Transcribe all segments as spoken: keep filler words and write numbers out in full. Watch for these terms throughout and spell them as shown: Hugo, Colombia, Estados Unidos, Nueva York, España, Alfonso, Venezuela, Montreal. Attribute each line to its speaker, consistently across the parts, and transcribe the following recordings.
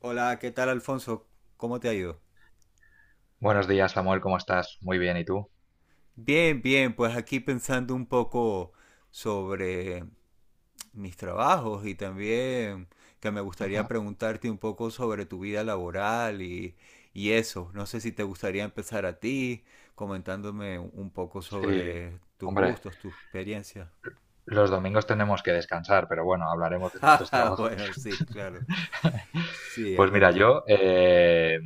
Speaker 1: Hola, ¿qué tal, Alfonso? ¿Cómo te ha ido?
Speaker 2: Buenos días, Samuel, ¿cómo estás? Muy bien, ¿y tú?
Speaker 1: Bien, bien, pues aquí pensando un poco sobre mis trabajos y también que me gustaría
Speaker 2: Ajá.
Speaker 1: preguntarte un poco sobre tu vida laboral y, y eso. No sé si te gustaría empezar a ti comentándome un poco
Speaker 2: Sí,
Speaker 1: sobre tus
Speaker 2: hombre,
Speaker 1: gustos, tus experiencias.
Speaker 2: los domingos tenemos que descansar, pero bueno, hablaremos de nuestros
Speaker 1: Ah,
Speaker 2: trabajos.
Speaker 1: bueno, sí, claro. Sí, es
Speaker 2: Pues mira,
Speaker 1: verdad.
Speaker 2: yo, eh,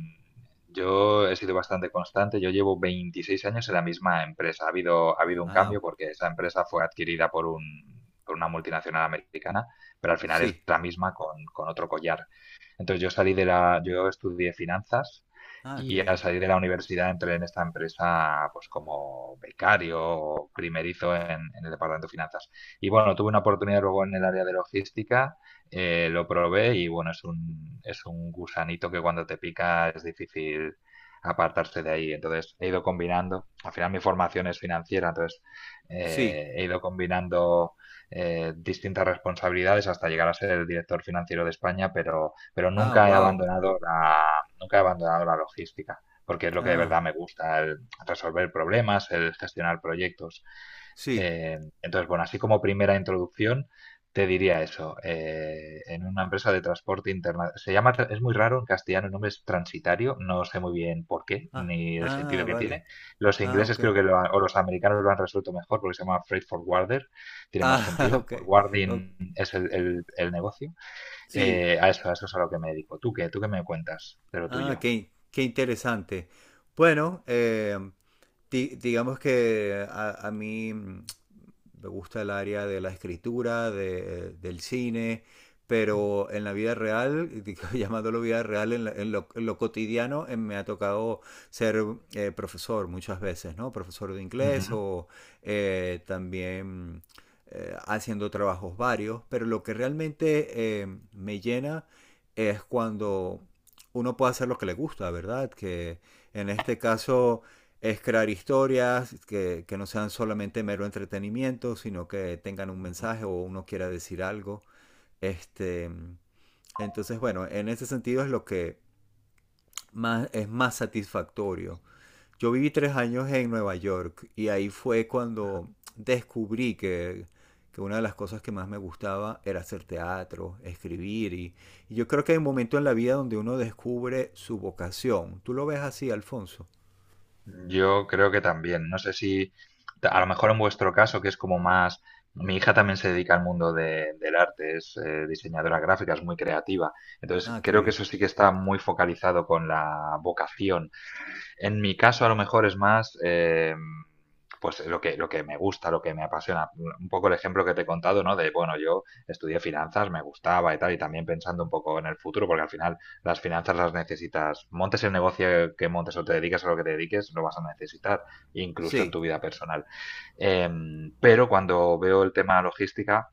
Speaker 2: yo he sido bastante constante, yo llevo veintiséis años en la misma empresa. Ha habido, ha habido un
Speaker 1: Ah,
Speaker 2: cambio porque esa empresa fue adquirida por un, por una multinacional americana, pero al final es
Speaker 1: sí.
Speaker 2: la misma con, con otro collar. Entonces yo salí de la, yo estudié finanzas
Speaker 1: Ah, qué
Speaker 2: y al
Speaker 1: bien.
Speaker 2: salir de la universidad entré en esta empresa pues como becario o primerizo en, en el departamento de finanzas. Y bueno, tuve una oportunidad luego en el área de logística, eh, lo probé y bueno, es un, es un gusanito que cuando te pica es difícil apartarse de ahí. Entonces he ido combinando, al final mi formación es financiera, entonces
Speaker 1: Sí.
Speaker 2: eh, he ido combinando eh, distintas responsabilidades hasta llegar a ser el director financiero de España, pero pero
Speaker 1: Ah,
Speaker 2: nunca he
Speaker 1: wow.
Speaker 2: abandonado la, nunca he abandonado la logística, porque es lo que de
Speaker 1: Ah,
Speaker 2: verdad me gusta, el resolver problemas, el gestionar proyectos.
Speaker 1: sí.
Speaker 2: Eh, entonces, bueno, así como primera introducción, te diría eso. Eh, en una empresa de transporte internacional, se llama, tra- es muy raro en castellano, el nombre es transitario, no sé muy bien por qué,
Speaker 1: Ah,
Speaker 2: ni el sentido
Speaker 1: ah,
Speaker 2: que
Speaker 1: vale.
Speaker 2: tiene. Los
Speaker 1: Ah,
Speaker 2: ingleses
Speaker 1: ok.
Speaker 2: creo que lo han- o los americanos lo han resuelto mejor porque se llama freight forwarder, tiene más
Speaker 1: Ah,
Speaker 2: sentido.
Speaker 1: ok. O-
Speaker 2: Forwarding es el el- el negocio.
Speaker 1: sí.
Speaker 2: Eh, a eso, a eso es a lo que me dedico. ¿Tú qué? ¿Tú qué me cuentas de lo
Speaker 1: Ah,
Speaker 2: tuyo?
Speaker 1: qué, qué interesante. Bueno, eh, di- digamos que a, a mí, mm, me gusta el área de la escritura, de- del cine, pero en la vida real, digo, llamándolo vida real, en, la- en lo, en lo cotidiano, eh, me ha tocado ser eh, profesor muchas veces, ¿no? Profesor de inglés
Speaker 2: Ujú.
Speaker 1: o eh, también, eh, haciendo trabajos varios, pero lo que realmente, eh, me llena es cuando uno puede hacer lo que le gusta, ¿verdad? Que en este caso es crear historias que, que no sean solamente mero entretenimiento, sino que tengan un mensaje o uno quiera decir algo. Este, entonces, bueno, en ese sentido es lo que más, es más satisfactorio. Yo viví tres años en Nueva York y ahí fue cuando descubrí que, que una de las cosas que más me gustaba era hacer teatro, escribir y, y yo creo que hay un momento en la vida donde uno descubre su vocación. ¿Tú lo ves así, Alfonso?
Speaker 2: Yo creo que también. No sé si, ta- A lo mejor en vuestro caso, que es como más... Mi hija también se dedica al mundo de- del arte, es eh, diseñadora gráfica, es muy creativa. Entonces,
Speaker 1: Ah, qué
Speaker 2: creo que
Speaker 1: bien.
Speaker 2: eso sí que está muy focalizado con la vocación. En mi caso, a lo mejor es más. eh, pues lo que, lo que me gusta, lo que me apasiona. Un poco el ejemplo que te he contado, ¿no? De, bueno, yo estudié finanzas, me gustaba y tal, y también pensando un poco en el futuro, porque al final las finanzas las necesitas, montes el negocio que montes o te dediques a lo que te dediques, lo vas a necesitar, incluso en
Speaker 1: Sí,
Speaker 2: tu vida personal. Em, pero cuando veo el tema logística,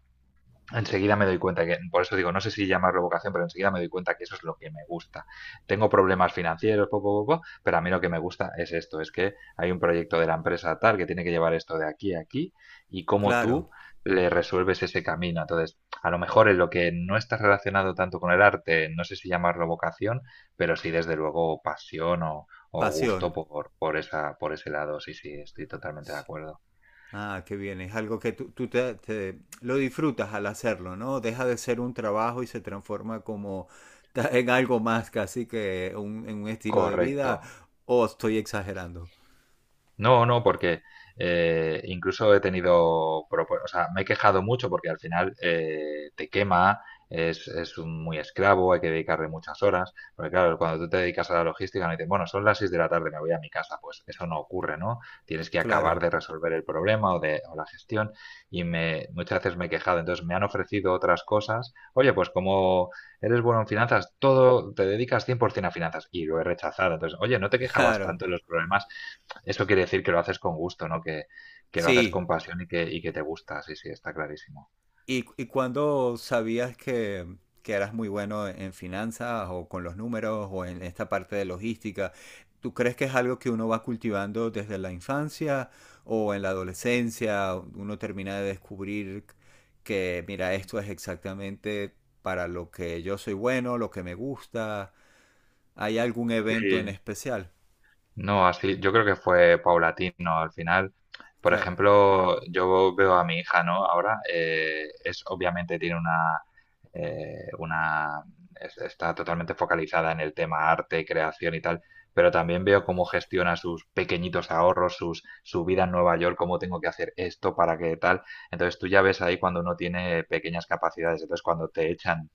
Speaker 2: enseguida me doy cuenta que, por eso digo, no sé si llamarlo vocación, pero enseguida me doy cuenta que eso es lo que me gusta. Tengo problemas financieros, poco, poco, pero a mí lo que me gusta es esto, es que hay un proyecto de la empresa tal que tiene que llevar esto de aquí a aquí y cómo
Speaker 1: claro,
Speaker 2: tú le resuelves ese camino. Entonces, a lo mejor en lo que no está relacionado tanto con el arte, no sé si llamarlo vocación, pero sí desde luego pasión o, o gusto
Speaker 1: pasión.
Speaker 2: por, por esa, por ese lado. Sí, sí, estoy totalmente de acuerdo.
Speaker 1: Ah, qué bien. Es algo que tú, tú te, te- lo disfrutas al hacerlo, ¿no? Deja de ser un trabajo y se transforma como ta- en algo más, casi que un, en un estilo de
Speaker 2: Correcto.
Speaker 1: vida. ¿O estoy exagerando?
Speaker 2: No, no, porque eh, incluso he tenido, propo- o sea, me he quejado mucho porque al final eh, te quema, es, es un- muy esclavo, hay que dedicarle muchas horas, porque claro, cuando tú te dedicas a la logística, no dices, bueno, son las seis de la tarde, me voy a mi casa, pues eso no ocurre, ¿no? Tienes que acabar
Speaker 1: Claro,
Speaker 2: de resolver el problema o, de, o la gestión y me, muchas veces me he quejado, entonces me han ofrecido otras cosas, oye, pues como eres bueno en finanzas, todo, te dedicas cien por ciento a finanzas y lo he rechazado, entonces, oye, no te quejabas
Speaker 1: claro.
Speaker 2: tanto de los problemas, eso quiere decir que lo haces con gusto, ¿no? Que, que lo haces
Speaker 1: Sí.
Speaker 2: con pasión y que, y que te gusta, sí, sí, está clarísimo.
Speaker 1: ¿Y, y cuándo sabías que, que eras muy bueno en finanzas o con los números o en esta parte de logística? ¿Tú crees que es algo que uno va cultivando desde la infancia o en la adolescencia? Uno termina de descubrir que, mira, esto es exactamente para lo que yo soy bueno, lo que me gusta. ¿Hay algún evento en
Speaker 2: Sí,
Speaker 1: especial?
Speaker 2: no, así, yo creo que fue paulatino al final. Por
Speaker 1: Claro,
Speaker 2: ejemplo, yo veo a mi hija, ¿no? Ahora, eh, es obviamente tiene una, eh, una, es- está totalmente focalizada en el tema arte, creación y tal, pero también veo cómo gestiona sus pequeñitos ahorros, sus, su vida en Nueva York, cómo tengo que hacer esto para que tal. Entonces tú ya ves ahí cuando uno tiene pequeñas capacidades, entonces cuando te echan,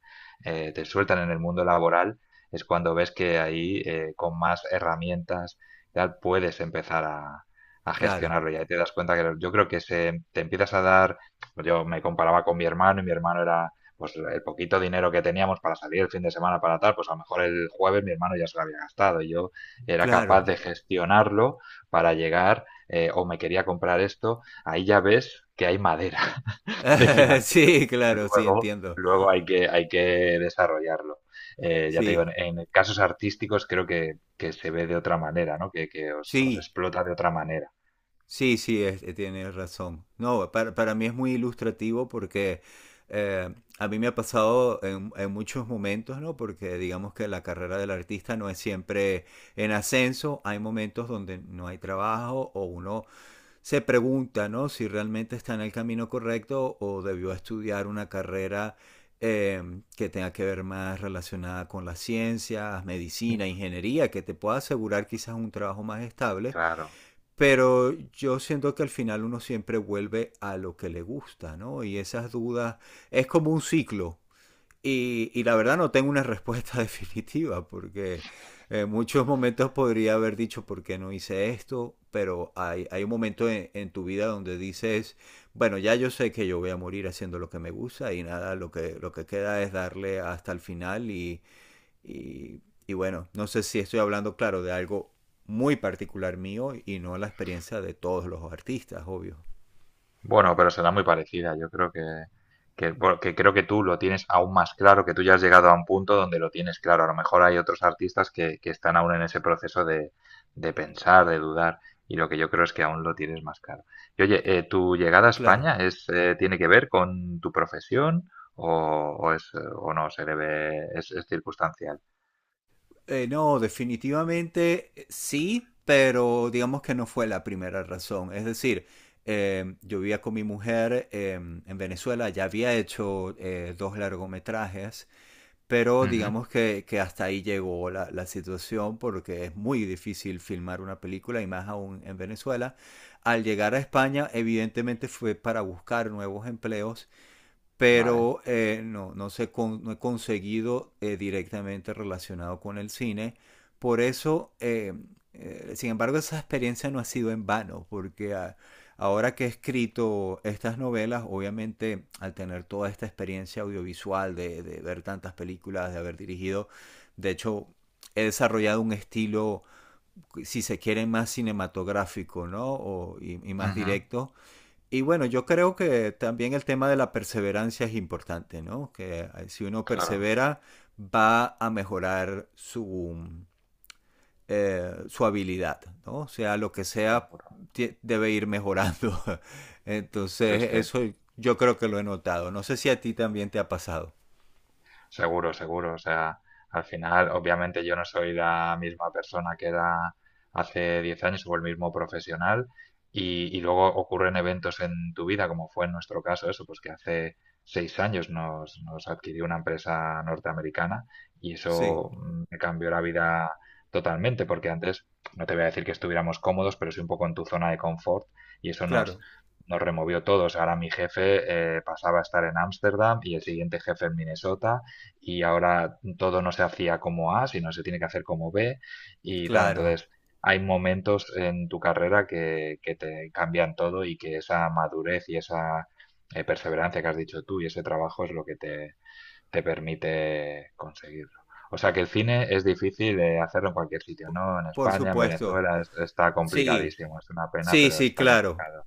Speaker 2: eh, te sueltan en el mundo laboral, es cuando ves que ahí eh, con más herramientas ya puedes empezar a, a
Speaker 1: claro,
Speaker 2: gestionarlo. Y ahí te das cuenta que yo creo que se, te empiezas a dar, pues yo me comparaba con mi hermano y mi hermano era pues el poquito dinero que teníamos para salir el fin de semana para tal, pues a lo mejor el jueves mi hermano ya se lo había gastado y yo era capaz
Speaker 1: claro.
Speaker 2: de gestionarlo para llegar eh, o me quería comprar esto, ahí ya ves que hay madera, de financiero.
Speaker 1: Sí, claro, sí,
Speaker 2: Luego,
Speaker 1: entiendo.
Speaker 2: luego hay que, hay que desarrollarlo. Eh, ya te digo,
Speaker 1: Sí,
Speaker 2: en, en casos artísticos creo que, que se ve de otra manera, ¿no? Que, que os, os
Speaker 1: sí.
Speaker 2: explota de otra manera.
Speaker 1: Sí, sí, es- eh, tienes razón. No, para, para mí es muy ilustrativo porque, eh, a mí me ha pasado en, en muchos momentos, ¿no? Porque digamos que la carrera del artista no es siempre en ascenso. Hay momentos donde no hay trabajo o uno se pregunta, ¿no? Si realmente está en el camino correcto o debió estudiar una carrera, eh, que tenga que ver más relacionada con las ciencias, medicina, ingeniería, que te pueda asegurar quizás un trabajo más estable.
Speaker 2: Claro.
Speaker 1: Pero yo siento que al final uno siempre vuelve a lo que le gusta, ¿no? Y esas dudas es como un ciclo. Y, y la verdad no tengo una respuesta definitiva, porque en muchos momentos podría haber dicho por qué no hice esto, pero hay, hay un momento en, en tu vida donde dices, bueno, ya yo sé que yo voy a morir haciendo lo que me gusta y nada, lo que, lo que queda es darle hasta el final y, y, y bueno, no sé si estoy hablando, claro, de algo muy particular mío y no la experiencia de todos los artistas, obvio.
Speaker 2: Bueno, pero será muy parecida. Yo creo que, que, bueno, que creo que tú lo tienes aún más claro, que tú ya has llegado a un punto donde lo tienes claro. A lo mejor hay otros artistas que, que están aún en ese proceso de, de pensar, de dudar, y lo que yo creo es que aún lo tienes más claro. Y oye, eh, ¿tu llegada a
Speaker 1: Claro.
Speaker 2: España es, eh, tiene que ver con tu profesión o, o es, eh, o no se debe, es, es circunstancial?
Speaker 1: Eh, no, definitivamente, eh, sí, pero digamos que no fue la primera razón. Es decir, eh, yo vivía con mi mujer, eh, en Venezuela, ya había hecho eh, dos largometrajes. Pero
Speaker 2: Ujú,
Speaker 1: digamos que, que hasta ahí llegó la, la situación, porque es muy difícil filmar una película y más aún en Venezuela. Al llegar a España, evidentemente fue para buscar nuevos empleos,
Speaker 2: vale.
Speaker 1: pero eh, no, no, se con- no he conseguido, eh, directamente relacionado con el cine. Por eso, eh, eh, sin embargo, esa experiencia no ha sido en vano, porque ah, ahora que he escrito estas novelas, obviamente al tener toda esta experiencia audiovisual, de, de ver tantas películas, de haber dirigido, de hecho, he desarrollado un estilo, si se quiere, más cinematográfico, ¿no? O- y, y más
Speaker 2: Ujú,
Speaker 1: directo. Y bueno, yo creo que también el tema de la perseverancia es importante, ¿no? Que, eh, si uno
Speaker 2: claro,
Speaker 1: persevera, va a mejorar su, eh, su habilidad, ¿no? O sea, lo que sea,
Speaker 2: seguro.
Speaker 1: tie- debe ir mejorando.
Speaker 2: Sí,
Speaker 1: Entonces,
Speaker 2: sí.
Speaker 1: eso yo creo que lo he notado. No sé si a ti también te ha pasado.
Speaker 2: Seguro, seguro. O sea, al final, obviamente yo no soy la misma persona que era hace diez años o el mismo profesional y, y luego ocurren eventos en tu vida, como fue en nuestro caso, eso, pues que hace seis años nos, nos adquirió una empresa norteamericana y
Speaker 1: Sí,
Speaker 2: eso mm, me cambió la vida totalmente, porque antes no te voy a decir que estuviéramos cómodos, pero sí un poco en tu zona de confort y eso nos,
Speaker 1: claro,
Speaker 2: nos removió todos. Ahora mi jefe eh, pasaba a estar en Ámsterdam y el siguiente jefe en Minnesota y ahora todo no se hacía como A, sino se tiene que hacer como B y tal.
Speaker 1: claro,
Speaker 2: Entonces, hay momentos en tu carrera que, que te cambian todo y que esa madurez y esa eh, perseverancia que has dicho tú y ese trabajo es lo que te, te permite conseguirlo. O sea que el cine es difícil de hacerlo en cualquier sitio, ¿no? En
Speaker 1: por
Speaker 2: España, en
Speaker 1: supuesto.
Speaker 2: Venezuela, es- está
Speaker 1: Sí,
Speaker 2: complicadísimo. Es una pena,
Speaker 1: sí,
Speaker 2: pero
Speaker 1: sí,
Speaker 2: está
Speaker 1: claro.
Speaker 2: complicado.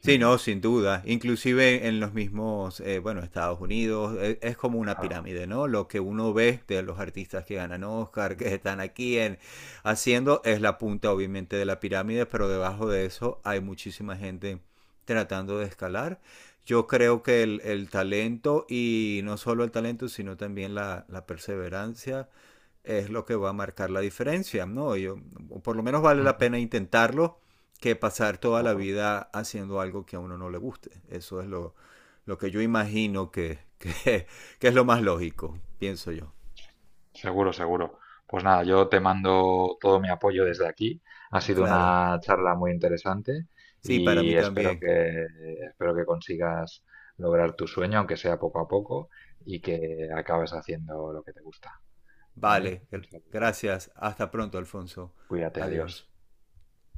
Speaker 1: Sí,
Speaker 2: Ujú,
Speaker 1: no, sin duda. Inclusive en los mismos, eh, bueno, Estados Unidos, eh, es como una
Speaker 2: claro.
Speaker 1: pirámide, ¿no? Lo que uno ve de los artistas que ganan Oscar, que están aquí en, haciendo, es la punta obviamente de la pirámide, pero debajo de eso hay muchísima gente tratando de escalar. Yo creo que el, el talento, y no solo el talento, sino también la, la perseverancia, es lo que va a marcar la diferencia, ¿no? Yo, por lo menos vale la
Speaker 2: Ujú,
Speaker 1: pena intentarlo, que pasar toda la
Speaker 2: seguro.
Speaker 1: vida haciendo algo que a uno no le guste. Eso es lo, lo que yo imagino que, que, que es lo más lógico, pienso yo.
Speaker 2: Seguro, seguro. Pues nada, yo te mando todo mi apoyo desde aquí. Ha sido
Speaker 1: Claro,
Speaker 2: una charla muy interesante
Speaker 1: sí, para mí
Speaker 2: y espero
Speaker 1: también.
Speaker 2: que, espero que consigas lograr tu sueño, aunque sea poco a poco, y que acabes haciendo lo que te gusta, ¿vale?
Speaker 1: Vale,
Speaker 2: Un saludo.
Speaker 1: gracias. Hasta pronto, Alfonso.
Speaker 2: Cuídate, adiós.
Speaker 1: Adiós.